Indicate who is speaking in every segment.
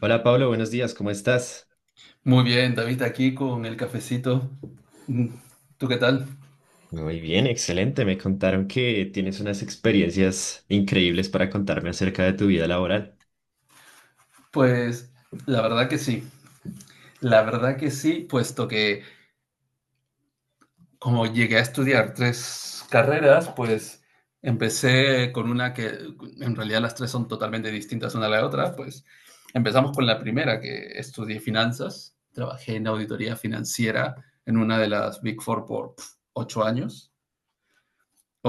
Speaker 1: Hola Pablo, buenos días, ¿cómo estás?
Speaker 2: Muy bien, David, aquí con el cafecito. Mm. ¿Tú qué tal?
Speaker 1: Muy bien, excelente. Me contaron que tienes unas experiencias increíbles para contarme acerca de tu vida laboral.
Speaker 2: Pues la verdad que sí, puesto que como llegué a estudiar tres carreras, pues empecé con una que en realidad las tres son totalmente distintas una a la otra. Pues empezamos con la primera, que estudié finanzas, trabajé en auditoría financiera en una de las Big Four 8 años,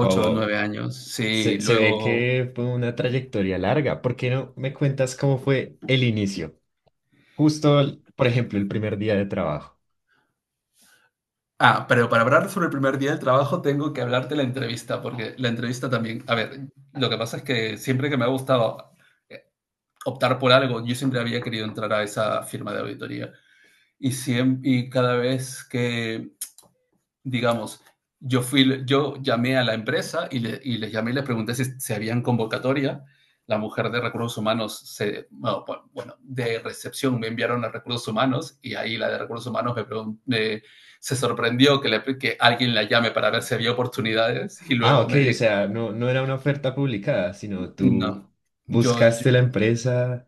Speaker 1: Wow,
Speaker 2: o
Speaker 1: wow.
Speaker 2: nueve años, sí,
Speaker 1: Se ve
Speaker 2: luego...
Speaker 1: que fue una trayectoria larga. ¿Por qué no me cuentas cómo fue el inicio? Justo, por ejemplo, el primer día de trabajo.
Speaker 2: Ah, pero para hablar sobre el primer día del trabajo tengo que hablarte la entrevista, porque la entrevista también, a ver, lo que pasa es que siempre que me ha gustado eh, optar por algo, yo siempre había querido entrar a esa firma de auditoría y cada vez que digamos, yo llamé a la empresa y les llamé y les pregunté si habían convocatoria. La mujer de recursos humanos, de recepción me enviaron a recursos humanos y ahí la de recursos humanos me se sorprendió alguien la llame para ver si había oportunidades, y
Speaker 1: Ah,
Speaker 2: luego
Speaker 1: ok,
Speaker 2: me
Speaker 1: o
Speaker 2: dijo,
Speaker 1: sea, no era una oferta publicada, sino tú
Speaker 2: no, yo
Speaker 1: buscaste la empresa,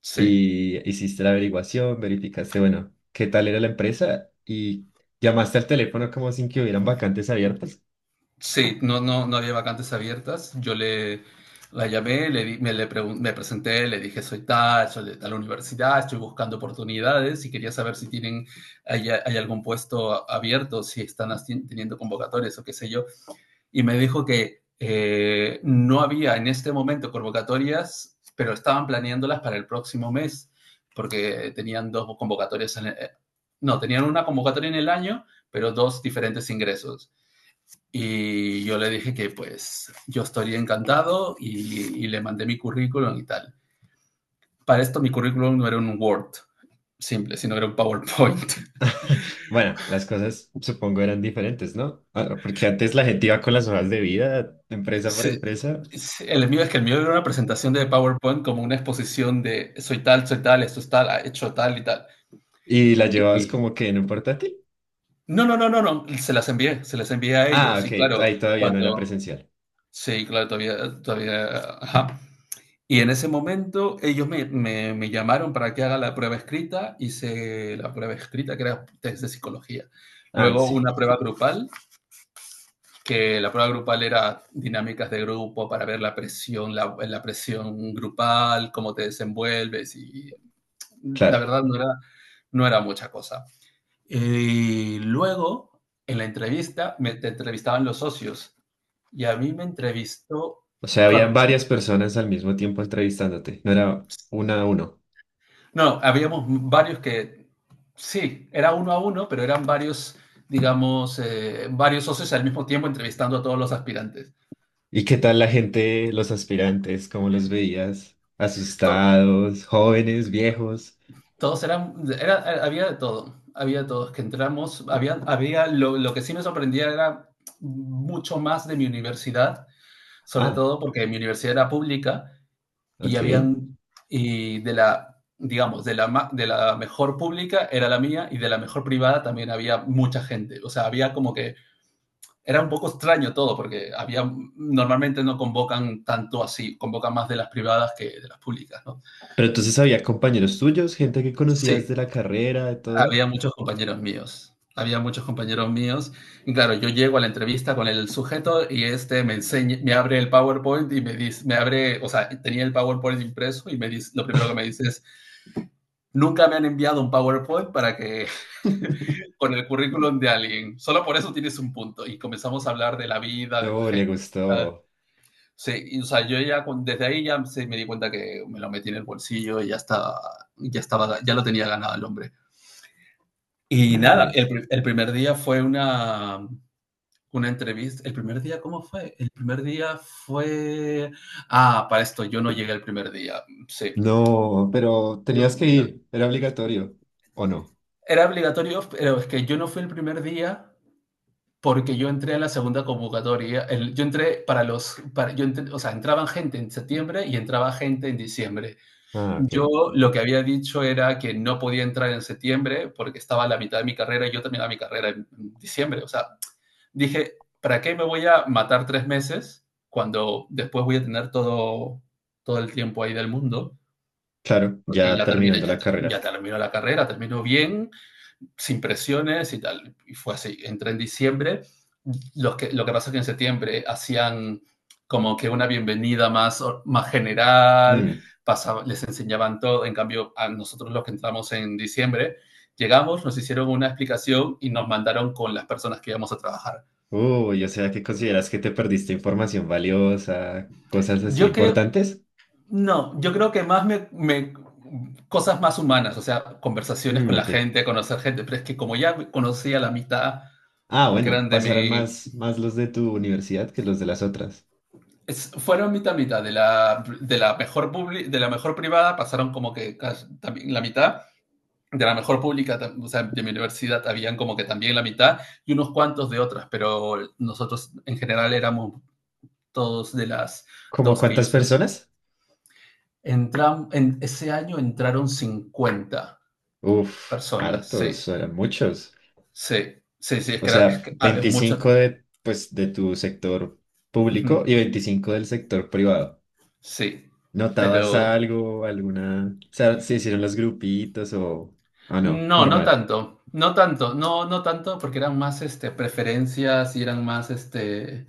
Speaker 2: sí.
Speaker 1: y hiciste la averiguación, verificaste, bueno, qué tal era la empresa y llamaste al teléfono como sin que hubieran vacantes abiertas.
Speaker 2: Sí, no, no, no había vacantes abiertas. Yo le la llamé, le di- me, le pregun- me presenté, le dije, soy tal, soy de tal universidad, estoy buscando oportunidades y quería saber si tienen, hay algún puesto abierto, si están teniendo convocatorias o qué sé yo. Y me dijo que no había en este momento convocatorias, pero estaban planeándolas para el próximo mes, porque tenían dos convocatorias en el- no, tenían una convocatoria en el año, pero dos diferentes ingresos. Y yo le dije que pues yo estaría encantado y le mandé mi currículum y tal. Para esto mi currículum no era un Word simple, sino era un PowerPoint.
Speaker 1: Bueno, las cosas supongo eran diferentes, ¿no? Ah, porque antes la gente iba con las hojas de vida, empresa por
Speaker 2: Sí,
Speaker 1: empresa,
Speaker 2: sí, el mío era una presentación de PowerPoint como una exposición de soy tal, esto es tal, ha hecho tal y tal.
Speaker 1: y la llevabas
Speaker 2: Y
Speaker 1: como que en un portátil.
Speaker 2: no, no, no, no, no, se las envié a
Speaker 1: Ah,
Speaker 2: ellos. Y
Speaker 1: ok,
Speaker 2: claro,
Speaker 1: ahí todavía no era
Speaker 2: cuando,
Speaker 1: presencial.
Speaker 2: sí, claro, todavía, todavía, ajá. Y en ese momento ellos me llamaron para que haga la prueba escrita, hice la prueba escrita que era test de psicología.
Speaker 1: Ah,
Speaker 2: Luego
Speaker 1: sí,
Speaker 2: una prueba grupal, que la prueba grupal era dinámicas de grupo para ver la presión, la presión grupal, cómo te desenvuelves y la
Speaker 1: claro.
Speaker 2: verdad no era mucha cosa. Y luego en la entrevista me te entrevistaban los socios y a mí me entrevistó...
Speaker 1: O sea, habían varias personas al mismo tiempo entrevistándote, no era una a uno.
Speaker 2: No, habíamos varios que, sí, era uno a uno, pero eran varios, digamos, varios socios al mismo tiempo entrevistando a todos los aspirantes.
Speaker 1: ¿Y qué tal la gente, los aspirantes? ¿Cómo los veías?
Speaker 2: To-
Speaker 1: ¿Asustados, jóvenes, viejos?
Speaker 2: Todos eran, había de todo, había de todos que entramos, había lo que sí me sorprendía era mucho más de mi universidad, sobre
Speaker 1: Ah,
Speaker 2: todo porque mi universidad era pública y
Speaker 1: ok.
Speaker 2: habían, y de la, digamos, de la mejor pública era la mía y de la mejor privada también había mucha gente. O sea, había como que era un poco extraño todo, porque normalmente no convocan tanto así, convocan más de las privadas que de las públicas, ¿no?
Speaker 1: Pero entonces había compañeros tuyos, gente que conocías
Speaker 2: Sí,
Speaker 1: de la carrera, de todo.
Speaker 2: había muchos compañeros míos, había muchos compañeros míos, y claro, yo llego a la entrevista con el sujeto y este me enseña, me abre el PowerPoint y me dice, o sea, tenía el PowerPoint impreso y me dice, lo primero que me dice es, nunca me han enviado un PowerPoint para que... con el currículum de alguien, solo por eso tienes un punto, y comenzamos a hablar de la vida, de la
Speaker 1: No, le
Speaker 2: gente.
Speaker 1: gustó.
Speaker 2: Sí, y, o sea, yo ya desde ahí ya se me di cuenta que me lo metí en el bolsillo y ya estaba, ya lo tenía ganado el hombre. Y nada,
Speaker 1: Nice.
Speaker 2: el primer día fue una entrevista. ¿El primer día cómo fue? El primer día fue... Ah, para esto, yo no llegué el primer día. Sí.
Speaker 1: No, pero
Speaker 2: Yo-
Speaker 1: tenías que
Speaker 2: no-
Speaker 1: ir, era obligatorio. ¿O no?
Speaker 2: Era obligatorio, pero es que yo no fui el primer día porque yo entré en la segunda convocatoria. Yo entré para los... O sea, entraban gente en septiembre y entraba gente en diciembre.
Speaker 1: Ah, ok.
Speaker 2: Yo lo que había dicho era que no podía entrar en septiembre porque estaba a la mitad de mi carrera y yo terminaba mi carrera en diciembre. O sea, dije, ¿para qué me voy a matar 3 meses cuando después voy a tener todo, todo el tiempo ahí del mundo?
Speaker 1: Claro,
Speaker 2: Porque
Speaker 1: ya
Speaker 2: ya terminé,
Speaker 1: terminando
Speaker 2: ya,
Speaker 1: la
Speaker 2: ya
Speaker 1: carrera.
Speaker 2: terminó la carrera, terminó bien, sin presiones y tal. Y fue así. Entré en diciembre. Lo que pasa es que en septiembre hacían como que una bienvenida más, más general,
Speaker 1: Mm.
Speaker 2: pasaba, les enseñaban todo. En cambio, a nosotros los que entramos en diciembre, llegamos, nos hicieron una explicación y nos mandaron con las personas que íbamos a trabajar.
Speaker 1: Uy, o sea, ¿qué consideras que te perdiste información valiosa, cosas así
Speaker 2: Yo creo,
Speaker 1: importantes?
Speaker 2: no, yo creo que más me, me cosas más humanas, o sea, conversaciones
Speaker 1: Mm,
Speaker 2: con la
Speaker 1: ok.
Speaker 2: gente, conocer gente, pero es que como ya conocía la mitad,
Speaker 1: Ah,
Speaker 2: porque
Speaker 1: bueno,
Speaker 2: eran de
Speaker 1: pasarán
Speaker 2: mi,
Speaker 1: más, más los de tu universidad que los de las otras.
Speaker 2: Es- fueron mitad mitad de la, mejor de la mejor privada pasaron como que casi también la mitad de la mejor pública o sea, de mi universidad habían como que también la mitad y unos cuantos de otras, pero nosotros en general éramos todos de las
Speaker 1: ¿Cómo
Speaker 2: dos que
Speaker 1: cuántas
Speaker 2: yo sé.
Speaker 1: personas?
Speaker 2: Entram En ese año entraron cincuenta
Speaker 1: Uf,
Speaker 2: personas Sí,
Speaker 1: hartos, eran muchos.
Speaker 2: sí, sí, sí,
Speaker 1: O
Speaker 2: es
Speaker 1: sea,
Speaker 2: que, mucho.
Speaker 1: 25 de, pues, de tu sector público
Speaker 2: Ujú,
Speaker 1: y 25 del sector privado.
Speaker 2: sí.
Speaker 1: ¿Notabas
Speaker 2: pero
Speaker 1: algo, alguna... O sea, ¿se hicieron los grupitos o... Ah, no,
Speaker 2: No, no
Speaker 1: normal.
Speaker 2: tanto, no tanto, no, no tanto, porque eran más este, preferencias y eran más, este,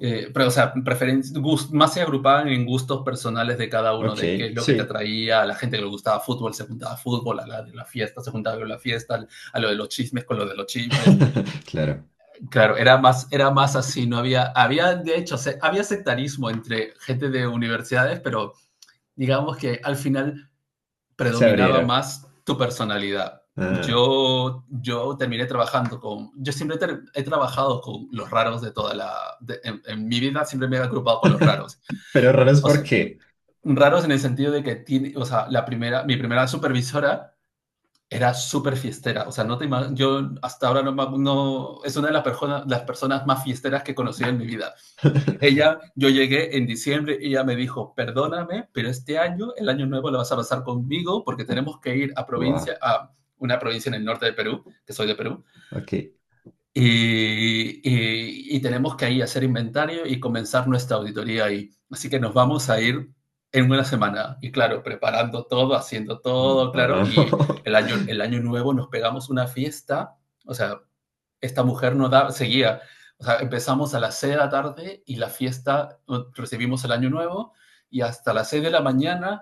Speaker 2: pero, o sea, más se agrupaban en gustos personales de cada uno,
Speaker 1: Ok,
Speaker 2: de qué es lo que te
Speaker 1: sí.
Speaker 2: atraía. A la gente que le gustaba fútbol se juntaba fútbol, a la de la fiesta se juntaba con la fiesta, a lo de los chismes con lo de los chismes.
Speaker 1: Claro,
Speaker 2: Claro, era más así. No había, de hecho, había sectarismo entre gente de universidades, pero digamos que al final
Speaker 1: se
Speaker 2: predominaba
Speaker 1: abrieron.
Speaker 2: más tu personalidad.
Speaker 1: Ah.
Speaker 2: Yo terminé trabajando con, yo siempre he trabajado con los raros de toda la, de, en, mi vida siempre me he agrupado con los raros.
Speaker 1: Pero raros,
Speaker 2: O
Speaker 1: ¿por
Speaker 2: sea,
Speaker 1: qué?
Speaker 2: raros en el sentido de que tiene, o sea, mi primera supervisora era súper fiestera, o sea, no te yo hasta ahora no, no, es una de las personas, más fiesteras que he conocido en mi vida. Ella, yo llegué en diciembre y ella me dijo, perdóname, pero este año, el año nuevo, lo vas a pasar conmigo porque tenemos que ir a
Speaker 1: Guau,
Speaker 2: provincia, a una provincia en el norte de Perú, que soy de Perú,
Speaker 1: ok.
Speaker 2: y tenemos que ir a hacer inventario y comenzar nuestra auditoría ahí. Así que nos vamos a ir en una semana. Y claro, preparando todo, haciendo todo, claro, y
Speaker 1: No.
Speaker 2: el año nuevo nos pegamos una fiesta, o sea, esta mujer no da, seguía. O sea, empezamos a las 6 de la tarde y la fiesta, recibimos el año nuevo y hasta las 6 de la mañana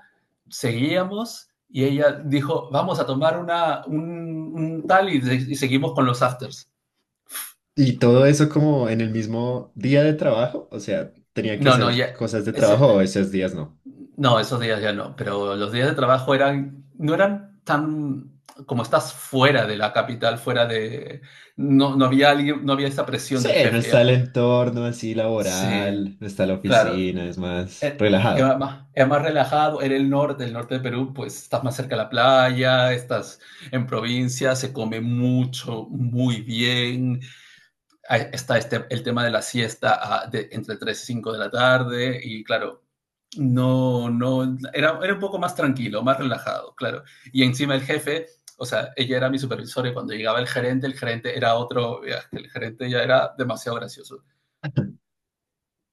Speaker 2: seguíamos y ella dijo, vamos a tomar un tal y, seguimos con los afters.
Speaker 1: Y todo eso como en el mismo día de trabajo, o sea, ¿tenían que
Speaker 2: No, no,
Speaker 1: hacer
Speaker 2: ya,
Speaker 1: cosas de
Speaker 2: ese,
Speaker 1: trabajo o esos días no?
Speaker 2: no, esos días ya no, pero los días de trabajo eran, no eran tan, como estás fuera de la capital, no, no había alguien, no había esa presión
Speaker 1: Sí,
Speaker 2: del
Speaker 1: no
Speaker 2: jefe
Speaker 1: está
Speaker 2: ya.
Speaker 1: el entorno así
Speaker 2: Sí,
Speaker 1: laboral, no está la
Speaker 2: claro,
Speaker 1: oficina, es más relajado.
Speaker 2: era más, era más relajado, era el norte de Perú, pues estás más cerca de la playa, estás en provincia, se come mucho, muy bien. Ahí está este, el tema de la siesta, entre 3 y 5 de la tarde, y claro, no, no, era un poco más tranquilo, más relajado, claro. Y encima el jefe, o sea, ella era mi supervisora y cuando llegaba el gerente era otro, ya, el gerente ya era demasiado gracioso.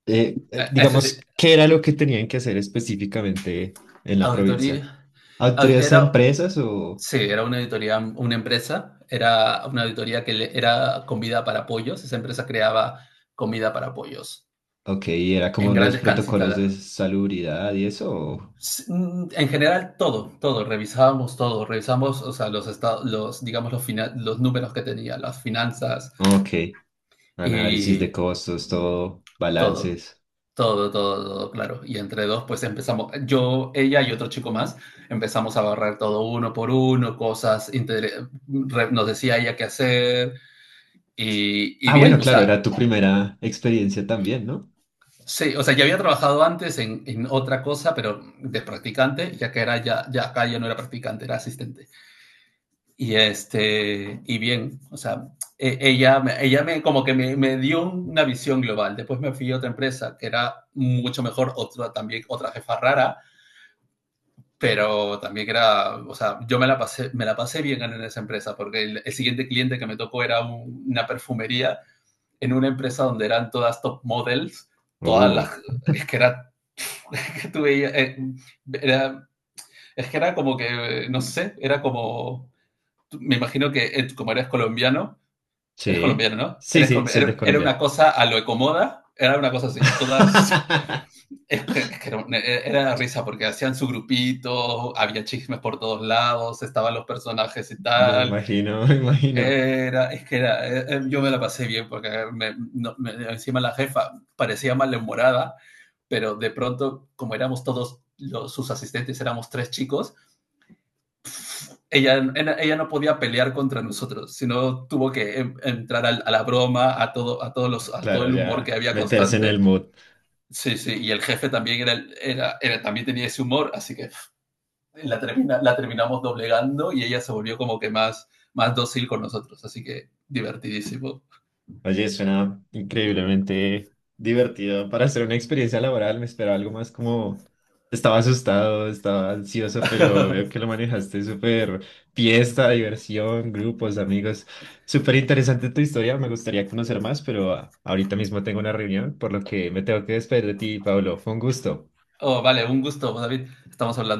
Speaker 2: Es
Speaker 1: Digamos,
Speaker 2: decir,
Speaker 1: ¿qué era lo que tenían que hacer específicamente en la provincia?
Speaker 2: auditoría,
Speaker 1: ¿Autoridades a
Speaker 2: era...
Speaker 1: empresas o,
Speaker 2: Sí, era una auditoría, una empresa, era una auditoría era comida para pollos, esa empresa creaba comida para pollos
Speaker 1: ok, era
Speaker 2: en
Speaker 1: como los
Speaker 2: grandes
Speaker 1: protocolos
Speaker 2: cantidades.
Speaker 1: de salubridad y eso?
Speaker 2: En general, todo, todo, revisábamos, o sea, los estados, los, digamos, los números que tenía, las finanzas
Speaker 1: Ok, análisis de
Speaker 2: y
Speaker 1: costos, todo,
Speaker 2: todo,
Speaker 1: balances.
Speaker 2: todo, todo, todo, claro. Y entre dos, pues empezamos, yo, ella y otro chico más, empezamos a barrer todo uno por uno, cosas, nos decía ella qué hacer. Y
Speaker 1: Ah, bueno,
Speaker 2: bien, o
Speaker 1: claro,
Speaker 2: sea,
Speaker 1: era tu primera experiencia también, ¿no?
Speaker 2: sí, o sea, ya había trabajado antes en otra cosa, pero de practicante, ya que era ya, ya acá ya no era practicante, era asistente. Y este, y bien, o sea, ella me como que me dio una visión global. Después me fui a otra empresa que era mucho mejor, otra también, otra jefa rara, pero también que era, o sea, yo me la pasé bien en esa empresa porque el siguiente cliente que me tocó era una perfumería en una empresa donde eran todas top models, todas
Speaker 1: Uh,
Speaker 2: las... Es que era, es que tú veías, era, es que era como que, no sé, era como, me imagino que como eres
Speaker 1: sí.
Speaker 2: colombiano, ¿no?
Speaker 1: Sí,
Speaker 2: Eres...
Speaker 1: sí, soy de
Speaker 2: era una
Speaker 1: Colombia.
Speaker 2: cosa a lo ecomoda, era una cosa así, todas, es que era, era la risa porque hacían su grupito, había chismes por todos lados, estaban los personajes y
Speaker 1: Me
Speaker 2: tal.
Speaker 1: imagino, me imagino.
Speaker 2: Era, es que era, yo me la pasé bien porque encima la jefa parecía malhumorada, pero de pronto, como éramos todos sus asistentes, éramos tres chicos, ella, ella no podía pelear contra nosotros, sino tuvo que entrar a la broma, a todo, a todo
Speaker 1: Claro,
Speaker 2: el humor que
Speaker 1: ya
Speaker 2: había
Speaker 1: meterse en el
Speaker 2: constante.
Speaker 1: mood.
Speaker 2: Sí, sí, y el jefe también era, también tenía ese humor, así que la, la terminamos doblegando y ella se volvió como que más, más dócil con nosotros, así que divertidísimo.
Speaker 1: Oye, suena increíblemente divertido para hacer una experiencia laboral. Me esperaba algo más como... Estaba asustado, estaba ansioso, pero veo que lo manejaste súper fiesta, diversión, grupos, amigos. Súper interesante tu historia, me gustaría conocer más, pero ahorita mismo tengo una reunión, por lo que me tengo que despedir de ti, Pablo. Fue un gusto.
Speaker 2: Oh, vale, un gusto, David. Estamos hablando.